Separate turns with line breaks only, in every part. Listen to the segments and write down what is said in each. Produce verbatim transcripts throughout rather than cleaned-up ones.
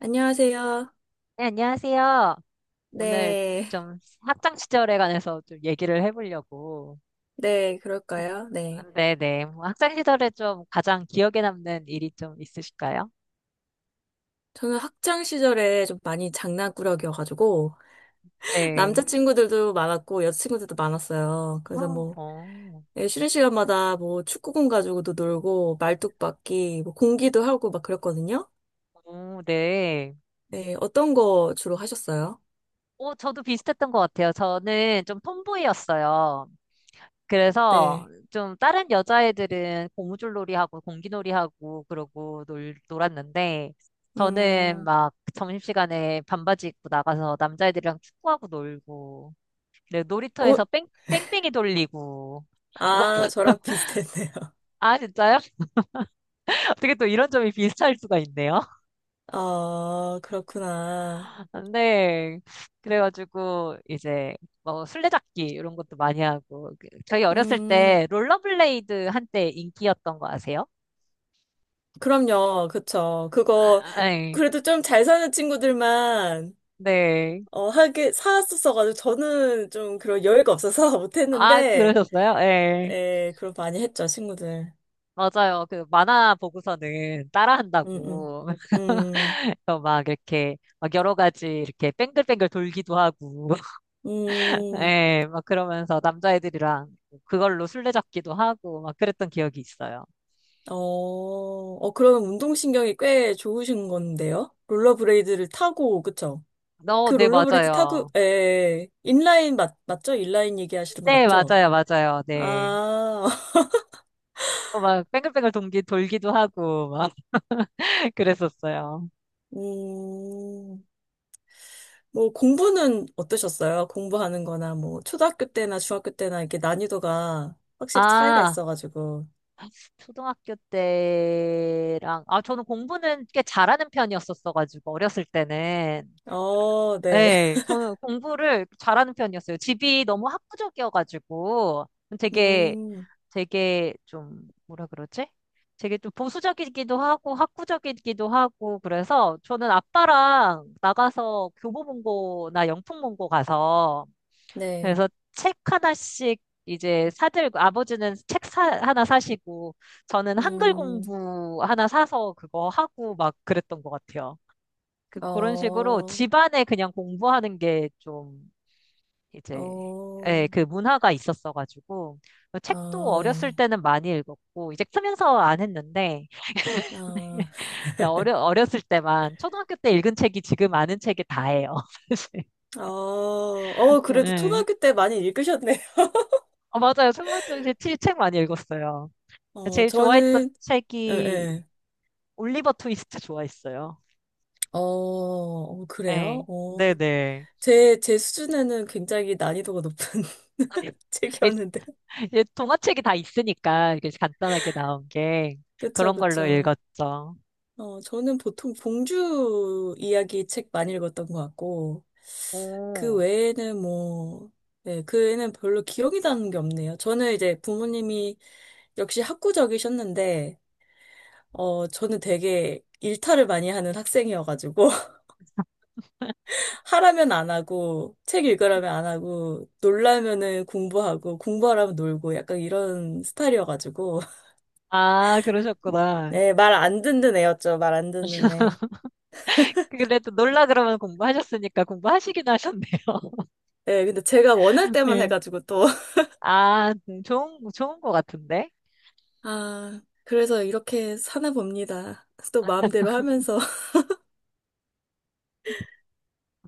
안녕하세요.
네, 안녕하세요. 오늘
네,
좀 학창 시절에 관해서 좀 얘기를 해보려고.
네, 그럴까요? 네.
네네. 뭐 학창 시절에 좀 가장 기억에 남는 일이 좀 있으실까요?
저는 학창 시절에 좀 많이 장난꾸러기여가지고,
네.
남자친구들도 많았고, 여자친구들도 많았어요. 그래서 뭐,
어,
예, 쉬는 시간마다 뭐, 축구공 가지고도 놀고, 말뚝박기, 뭐, 공기도 하고 막 그랬거든요.
오, 네.
네, 어떤 거 주로 하셨어요?
오, 저도 비슷했던 것 같아요. 저는 좀 톰보이였어요. 그래서
네.
좀 다른 여자애들은 고무줄놀이하고 공기놀이하고 그러고 놀, 놀았는데 저는
음,
막 점심시간에 반바지 입고 나가서 남자애들이랑 축구하고 놀고 그래,
어,
놀이터에서 뺑, 뺑뺑이 돌리고
아, 저랑 비슷했네요.
아 진짜요? 어떻게 또 이런 점이 비슷할 수가 있네요.
아, 그렇구나.
네. 그래가지고 이제 뭐 술래잡기 이런 것도 많이 하고 그- 저희 어렸을
음,
때 롤러블레이드 한때 인기였던 거 아세요?
그럼요, 그쵸. 그거,
아, 아, 예.
그래도 좀 잘 사는 친구들만,
네.
어, 하게, 사왔었어가지고, 저는 좀 그런 여유가 없어서
아,
못했는데,
그러셨어요? 예.
예, 그럼 많이 했죠, 친구들.
맞아요. 그 만화 보고서는
음, 음,
따라한다고.
음,
그래서 막 이렇게 막 여러 가지 이렇게 뱅글뱅글 돌기도 하고.
음,
예. 막 그러면서 남자애들이랑 그걸로 술래잡기도 하고 막 그랬던 기억이 있어요.
어, 어, 그러면 운동신경이 꽤 좋으신 건데요? 롤러브레이드를 타고, 그쵸?
어,
그
네,
롤러브레이드 타고,
맞아요.
예, 인라인 맞, 맞죠? 인라인 얘기하시는 거
네,
맞죠?
맞아요. 맞아요. 네.
아,
어, 막 뱅글뱅글 돌기, 돌기도 하고 막 그랬었어요.
음. 뭐 공부는 어떠셨어요? 공부하는 거나 뭐 초등학교 때나 중학교 때나 이렇게 난이도가 확실히 차이가
아,
있어가지고.
초등학교 때랑, 아, 저는 공부는 꽤 잘하는 편이었었어가지고, 어렸을 때는.
어, 네.
네, 저는 공부를 잘하는 편이었어요. 집이 너무 학구적이어가지고, 되게,
음,
되게 좀, 뭐라 그러지? 되게 좀 보수적이기도 하고, 학구적이기도 하고, 그래서 저는 아빠랑 나가서 교보문고나 영풍문고 가서,
네.
그래서 책 하나씩 이제 사들고, 아버지는 책 사, 하나 사시고, 저는 한글
음,
공부 하나 사서 그거 하고 막 그랬던 것 같아요. 그, 그런 식으로
어,
집안에 그냥 공부하는 게 좀 이제,
어,
예, 그 문화가 있었어가지고, 책도
아,
어렸을
네.
때는 많이 읽었고, 이제 크면서 안 했는데,
아,
나 어려, 어렸을 때만, 초등학교 때 읽은 책이 지금 아는 책이 다예요, 사실.
어, 어, 그래도
예.
초등학교 때 많이 읽으셨네요.
어, 맞아요. 초등학교 때 책 많이 읽었어요. 그러니까
어,
제일 좋아했던
저는, 예,
책이
예.
올리버 트위스트 좋아했어요.
어, 어, 그래요?
예.
어,
네네.
제, 제 수준에는 굉장히 난이도가 높은
예,
책이었는데.
예, 동화책이 다 있으니까 이게 간단하게 나온 게
그쵸,
그런 걸로
그쵸.
읽었죠.
어, 저는 보통 봉주 이야기 책 많이 읽었던 것 같고, 그
오.
외에는 뭐, 네, 그 외에는 별로 기억이 나는 게 없네요. 저는 이제 부모님이 역시 학구적이셨는데, 어, 저는 되게 일탈을 많이 하는 학생이어가지고, 하라면 안 하고, 책 읽으라면 안 하고, 놀라면은 공부하고, 공부하라면 놀고, 약간 이런 스타일이어가지고,
아, 그러셨구나.
네, 말 안 듣는 애였죠. 말 안 듣는 애.
그래도 놀라 그러면 공부하셨으니까 공부하시긴 하셨네요.
네, 근데 제가 원할 때만
네.
해가지고 또,
아, 네. 좋은, 좋은 것 같은데?
아, 그래서 이렇게 사나 봅니다. 또 마음대로 하면서.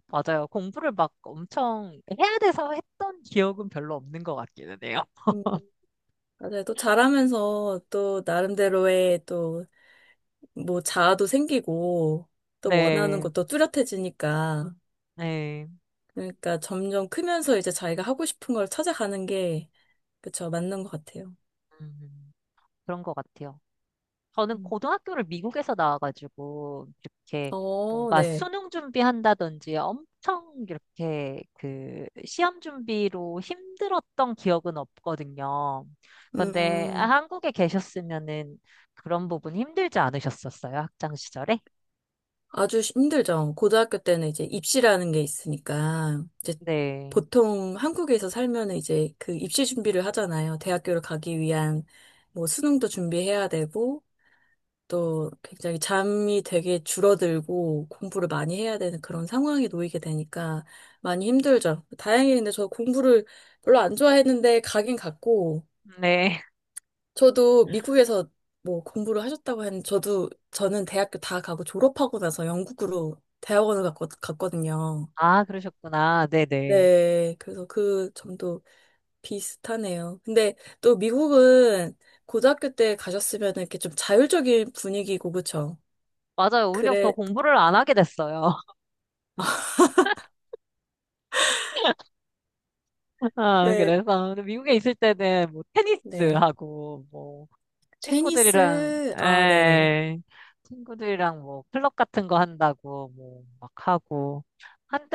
맞아요. 공부를 막 엄청 해야 돼서 했던 기억은 별로 없는 것 같기는 해요.
음, 맞아요. 또 잘하면서 또 나름대로의 또 뭐 자아도 생기고 또 원하는
네,
것도 뚜렷해지니까.
네.
그러니까 점점 크면서 이제 자기가 하고 싶은 걸 찾아가는 게, 그쵸, 맞는 것 같아요.
음. 그런 것 같아요. 저는
음.
고등학교를 미국에서 나와가지고 이렇게
어,
뭔가
네.
수능 준비한다든지 엄청 이렇게 그 시험 준비로 힘들었던 기억은 없거든요. 그런데
음.
한국에 계셨으면은 그런 부분 힘들지 않으셨었어요? 학창 시절에?
아주 힘들죠. 고등학교 때는 이제 입시라는 게 있으니까, 이제
네.
보통 한국에서 살면 이제 그 입시 준비를 하잖아요. 대학교를 가기 위한 뭐 수능도 준비해야 되고, 또 굉장히 잠이 되게 줄어들고 공부를 많이 해야 되는 그런 상황에 놓이게 되니까 많이 힘들죠. 다행히 근데 저 공부를 별로 안 좋아했는데 가긴 갔고,
네.
저도 미국에서 뭐 공부를 하셨다고 했는데, 저도, 저는 대학교 다 가고 졸업하고 나서 영국으로 대학원을 갔거, 갔거든요.
아, 그러셨구나. 네네.
네, 그래서 그 점도 비슷하네요. 근데 또 미국은 고등학교 때 가셨으면 이렇게 좀 자율적인 분위기고, 그쵸?
맞아요. 오히려 더
그래,
공부를 안 하게 됐어요. 아,
왜,
그래서 미국에 있을 때는 뭐
네.
테니스하고 뭐 친구들이랑,
테니스, 아, 네네네.
에이, 친구들이랑 뭐, 클럽 같은 거 한다고, 뭐, 막 하고.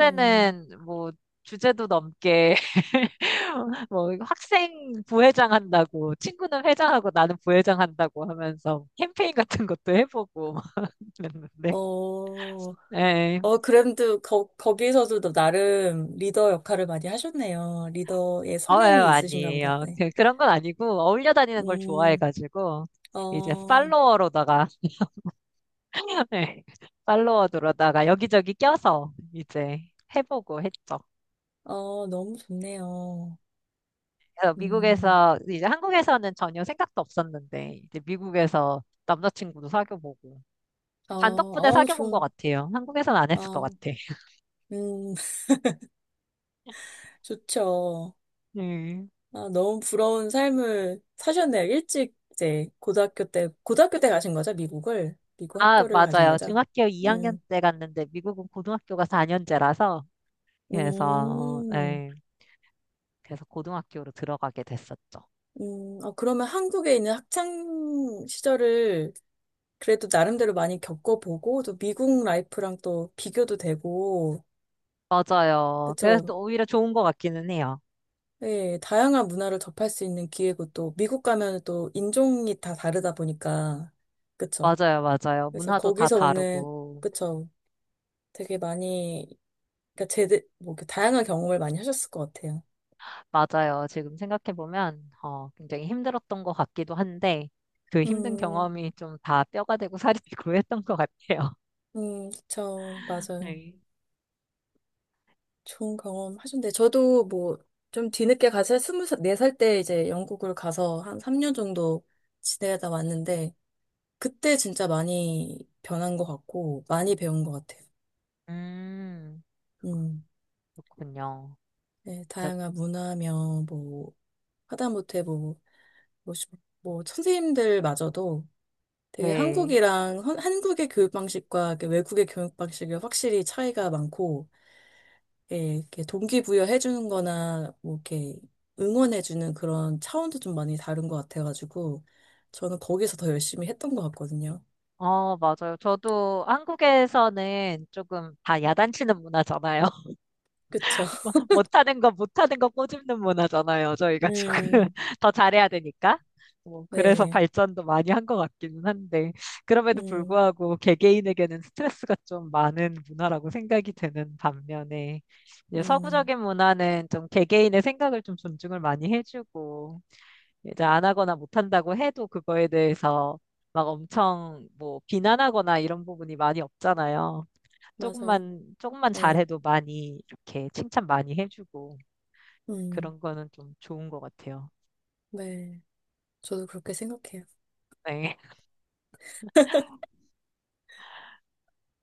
음,
뭐, 주제도 넘게, 뭐, 학생 부회장 한다고, 친구는 회장하고 나는 부회장 한다고 하면서 캠페인 같은 것도 해보고 그랬는데.
어,
에이,
어, 그램도 거, 거기에서도 너 나름 리더 역할을 많이 하셨네요. 리더의
예,
성향이 있으신가 보다.
아니에요.
네.
그- 그런 건 아니고, 어울려 다니는 걸
음,
좋아해가지고, 이제
어,
팔로워로다가 네. 팔로워드로 다가 여기저기 껴서 이제 해보고 했죠.
어, 너무 좋네요.
그래서
음,
미국에서 이제 한국에서는 전혀 생각도 없었는데 이제 미국에서 남자친구도 사귀어보고
어,
반 덕분에
어,
사귀어본 것
좋,
같아요. 한국에서는 안 했을 것
어,
같아.
음, 좋죠.
네.
아, 너무 부러운 삶을 사셨네요. 일찍 이제 고등학교 때, 고등학교 때 가신 거죠? 미국을? 미국
아,
학교를 가신
맞아요.
거죠?
중학교 이 학년
음,
때 갔는데 미국은 고등학교가 사 년제 그래서
음,
네. 그래서 고등학교로 들어가게 됐었죠.
음, 어, 그러면 한국에 있는 학창 시절을 그래도 나름대로 많이 겪어보고, 또 미국 라이프랑 또 비교도 되고,
맞아요. 그래서
그쵸.
또 오히려 좋은 것 같기는 해요.
예, 다양한 문화를 접할 수 있는 기회고, 또 미국 가면 또 인종이 다 다르다 보니까, 그쵸.
맞아요, 맞아요.
그래서
문화도 다
거기서 오는,
다르고.
그쵸. 되게 많이, 그러니까 제대, 뭐, 이렇게 다양한 경험을 많이 하셨을 것 같아요.
맞아요. 지금 생각해보면 어, 굉장히 힘들었던 것 같기도 한데 그 힘든
음,
경험이 좀 다 뼈가 되고 살이 되고 했던 것 같아요.
음, 그쵸. 맞아요.
네.
좋은 경험 하셨는데, 저도 뭐, 좀 뒤늦게 가서 스물네 살 때 이제 영국을 가서 한 삼 년 정도 지내다 왔는데, 그때 진짜 많이 변한 것 같고, 많이 배운 것 같아요.
음,
음,
그렇군요.
네,
자,
다양한 문화며, 뭐, 하다못해 뭐, 뭐, 시- 뭐 선생님들마저도 되게
네.
한국이랑, 헌- 한국의 교육 방식과 그 외국의 교육 방식이 확실히 차이가 많고, 예, 이렇게 동기부여해주는 거나, 뭐, 이렇게 응원해주는 그런 차원도 좀 많이 다른 것 같아가지고, 저는 거기서 더 열심히 했던 것 같거든요.
어, 맞아요. 저도 한국에서는 조금 다 야단치는 문화잖아요.
그쵸?
뭐, 못하는 거 못하는 거 꼬집는 문화잖아요. 저희가 조금
음,
더 잘해야 되니까. 뭐, 그래서
네,
발전도 많이 한 것 같기는 한데, 그럼에도
음,
불구하고 개개인에게는 스트레스가 좀 많은 문화라고 생각이 드는 반면에, 이제
음.
서구적인 문화는 좀 개개인의 생각을 좀 존중을 많이 해주고, 이제 안 하거나 못한다고 해도 그거에 대해서 막 엄청 뭐 비난하거나 이런 부분이 많이 없잖아요.
맞아요.
조금만 조금만
네.
잘해도 많이 이렇게 칭찬 많이 해주고
음,
그런 거는 좀 좋은 것 같아요.
네. 저도 그렇게 생각해요.
네.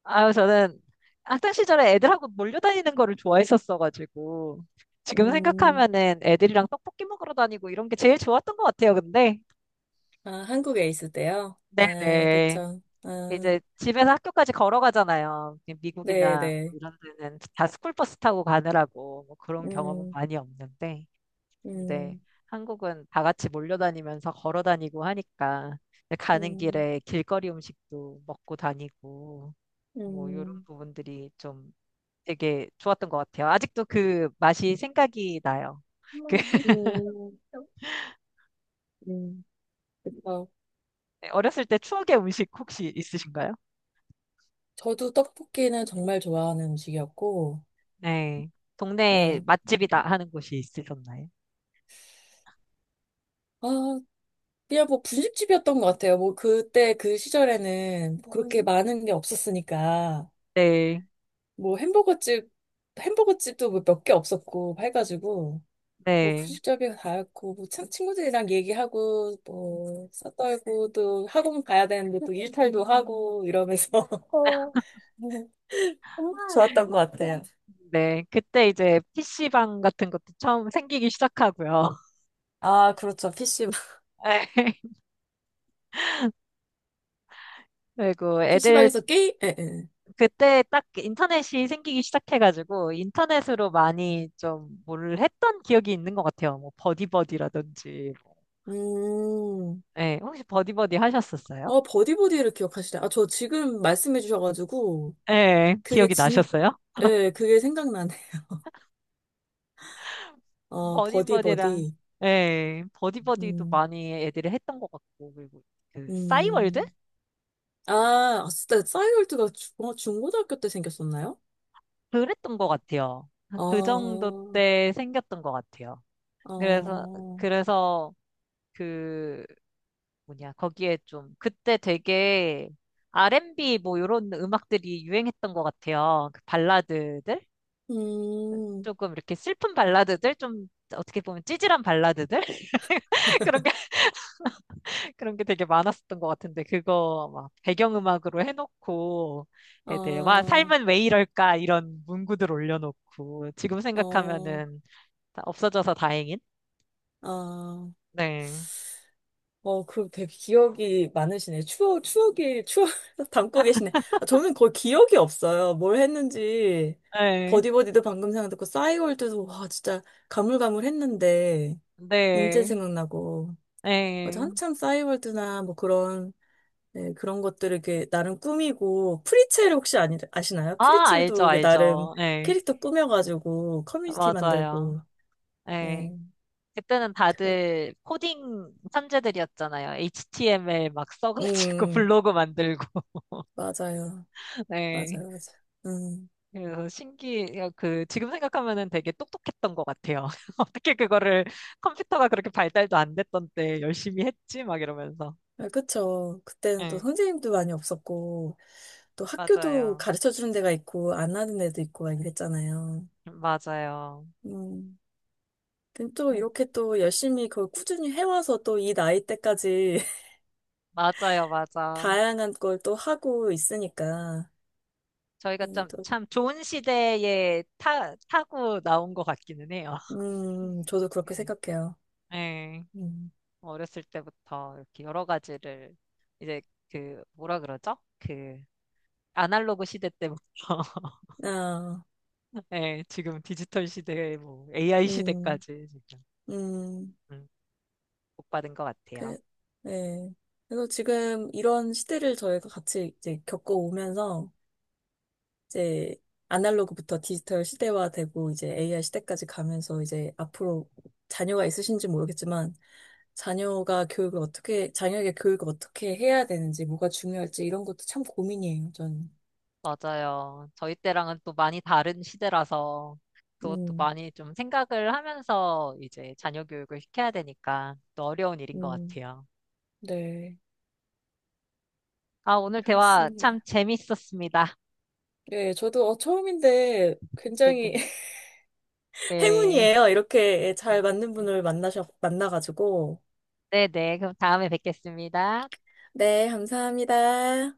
아유, 저는 학창 시절에 애들하고 몰려다니는 거를 좋아했었어가지고 지금
음,
생각하면은 애들이랑 떡볶이 먹으러 다니고 이런 게 제일 좋았던 것 같아요. 근데
아, 한국에 있을 때요? 아,
네네,
그쵸. 아,
이제 집에서 학교까지 걸어가잖아요. 미국이나
네네.
뭐 이런 데는 다 스쿨버스 타고 가느라고 뭐 그런 경험은
음,
많이 없는데. 근데
음,
한국은 다 같이 몰려다니면서 걸어 다니고 하니까 이제 가는
음,
길에 길거리 음식도 먹고 다니고 뭐 이런
음,
부분들이 좀 되게 좋았던 것 같아요. 아직도 그 맛이 생각이 나요. 그
음, 음, 그쵸.
어렸을 때 추억의 음식 혹시 있으신가요?
저도 떡볶이는 정말 좋아하는 음식이었고,
네. 동네
네.
맛집이다 하는 곳이 있으셨나요?
아, 그냥 뭐 분식집이었던 것 같아요. 뭐 그때 그 시절에는 그렇게 많은 게 없었으니까.
네.
뭐 햄버거집, 햄버거집도 몇 개 없었고, 해가지고, 뭐
네.
분식집이 다였고, 뭐 참, 친구들이랑 얘기하고, 뭐, 싸떨고, 또 학원 가야 되는데 또 일탈도 하고, 이러면서. 어, 정말 좋았던 것 같아요.
네. 그때 이제 피시방 같은 것도 처음 생기기 시작하고요.
아, 그렇죠. 피시방.
네. 그리고 애들
피시방에서 게임? 예, 예.
그때 딱 인터넷이 생기기 시작해가지고 인터넷으로 많이 좀 뭘 했던 기억이 있는 것 같아요. 뭐 버디버디라든지. 뭐.
음,
예, 혹시 버디버디 하셨었어요?
어, 버디버디를 기억하시네. 아, 저 지금 말씀해 주셔가지고,
예,
그게
기억이
진,
나셨어요?
예, 그게 생각나네. 어,
버디버디랑
버디버디.
예, 버디버디도
음,
많이 애들이 했던 것 같고 그리고 그 싸이월드?
음. 아, 아, 진짜 싸이월드가 주, 어, 중고등학교 때 생겼었나요?
그랬던 것 같아요.
아,
그 정도
어,
때 생겼던 것 같아요. 그래서 그래서 그 뭐냐, 거기에 좀, 그때 되게 알앤비 뭐 이런 음악들이 유행했던 것 같아요. 그 발라드들?
음,
조금 이렇게 슬픈 발라드들? 좀 어떻게 보면 찌질한 발라드들? 그런 게, 그런 게 되게 많았었던 것 같은데, 그거 막 배경음악으로 해놓고, 애들, 와,
아,
삶은 왜 이럴까? 이런 문구들 올려놓고, 지금
어,
생각하면은 다 없어져서 다행인?
아,
네.
어, 그 되게 기억이 많으시네. 추억, 추억이, 추억 담고 계시네. 아, 저는 거의 기억이 없어요. 뭘 했는지.
네.
버디버디도 방금 생각났고, 싸이월드도, 와, 진짜 가물가물했는데, 인제
네.
생각나고. 맞아,
네.
한참 싸이월드나 뭐 그런 네, 그런 것들을 이렇게 나름 꾸미고, 프리첼 혹시 아니, 아시나요?
아, 알죠,
프리첼도 이게 나름
알죠. 네.
캐릭터 꾸며가지고 커뮤니티
맞아요.
만들고,
예.
네.
그때는
그,
다들 코딩 천재들이었잖아요. 에이치티엠엘 막 써가지고
음,
블로그 만들고.
맞아요.
네.
맞아요. 맞아요. 음,
그래서 신기, 그, 지금 생각하면은 되게 똑똑했던 것 같아요. 어떻게 그거를 컴퓨터가 그렇게 발달도 안 됐던 때 열심히 했지? 막 이러면서.
아, 그쵸. 그때는 또
네,
선생님도 많이 없었고, 또 학교도
맞아요.
가르쳐 주는 데가 있고, 안 하는 데도 있고, 막 이랬잖아요.
맞아요.
음. 근데 또
네.
이렇게 또 열심히 그걸 꾸준히 해와서 또 이 나이 때까지
맞아요, 맞아.
다양한 걸 또 하고 있으니까.
저희가
음,
좀,
또
참 좋은 시대에 타, 타고 나온 것 같기는 해요.
음, 저도 그렇게
네.
생각해요.
네.
음,
어렸을 때부터 이렇게 여러 가지를 이제 그 뭐라 그러죠? 그 아날로그 시대 때부터
아,
예, 지금 디지털 시대, 뭐 에이아이
음,
시대까지 지금
음,
음, 복받은 것 같아요.
그, 네. 그래서 지금 이런 시대를 저희가 같이 이제 겪어오면서 이제 아날로그부터 디지털 시대화되고 이제 에이아이 시대까지 가면서 이제 앞으로 자녀가 있으신지 모르겠지만 자녀가 교육을 어떻게, 자녀에게 교육을 어떻게 해야 되는지, 뭐가 중요할지 이런 것도 참 고민이에요, 저는.
맞아요. 저희 때랑은 또 많이 다른 시대라서 그것도
음,
많이 좀 생각을 하면서 이제 자녀 교육을 시켜야 되니까 또 어려운 일인 것
음,
같아요.
네.
아, 오늘 대화 참
그렇습니다.
재밌었습니다.
네, 저도 어, 처음인데
네네.
굉장히
네. 네.
행운이에요. 이렇게 잘
음,
맞는
네.
분을 만나셔, 만나가지고.
네네. 그럼 다음에 뵙겠습니다.
네, 감사합니다.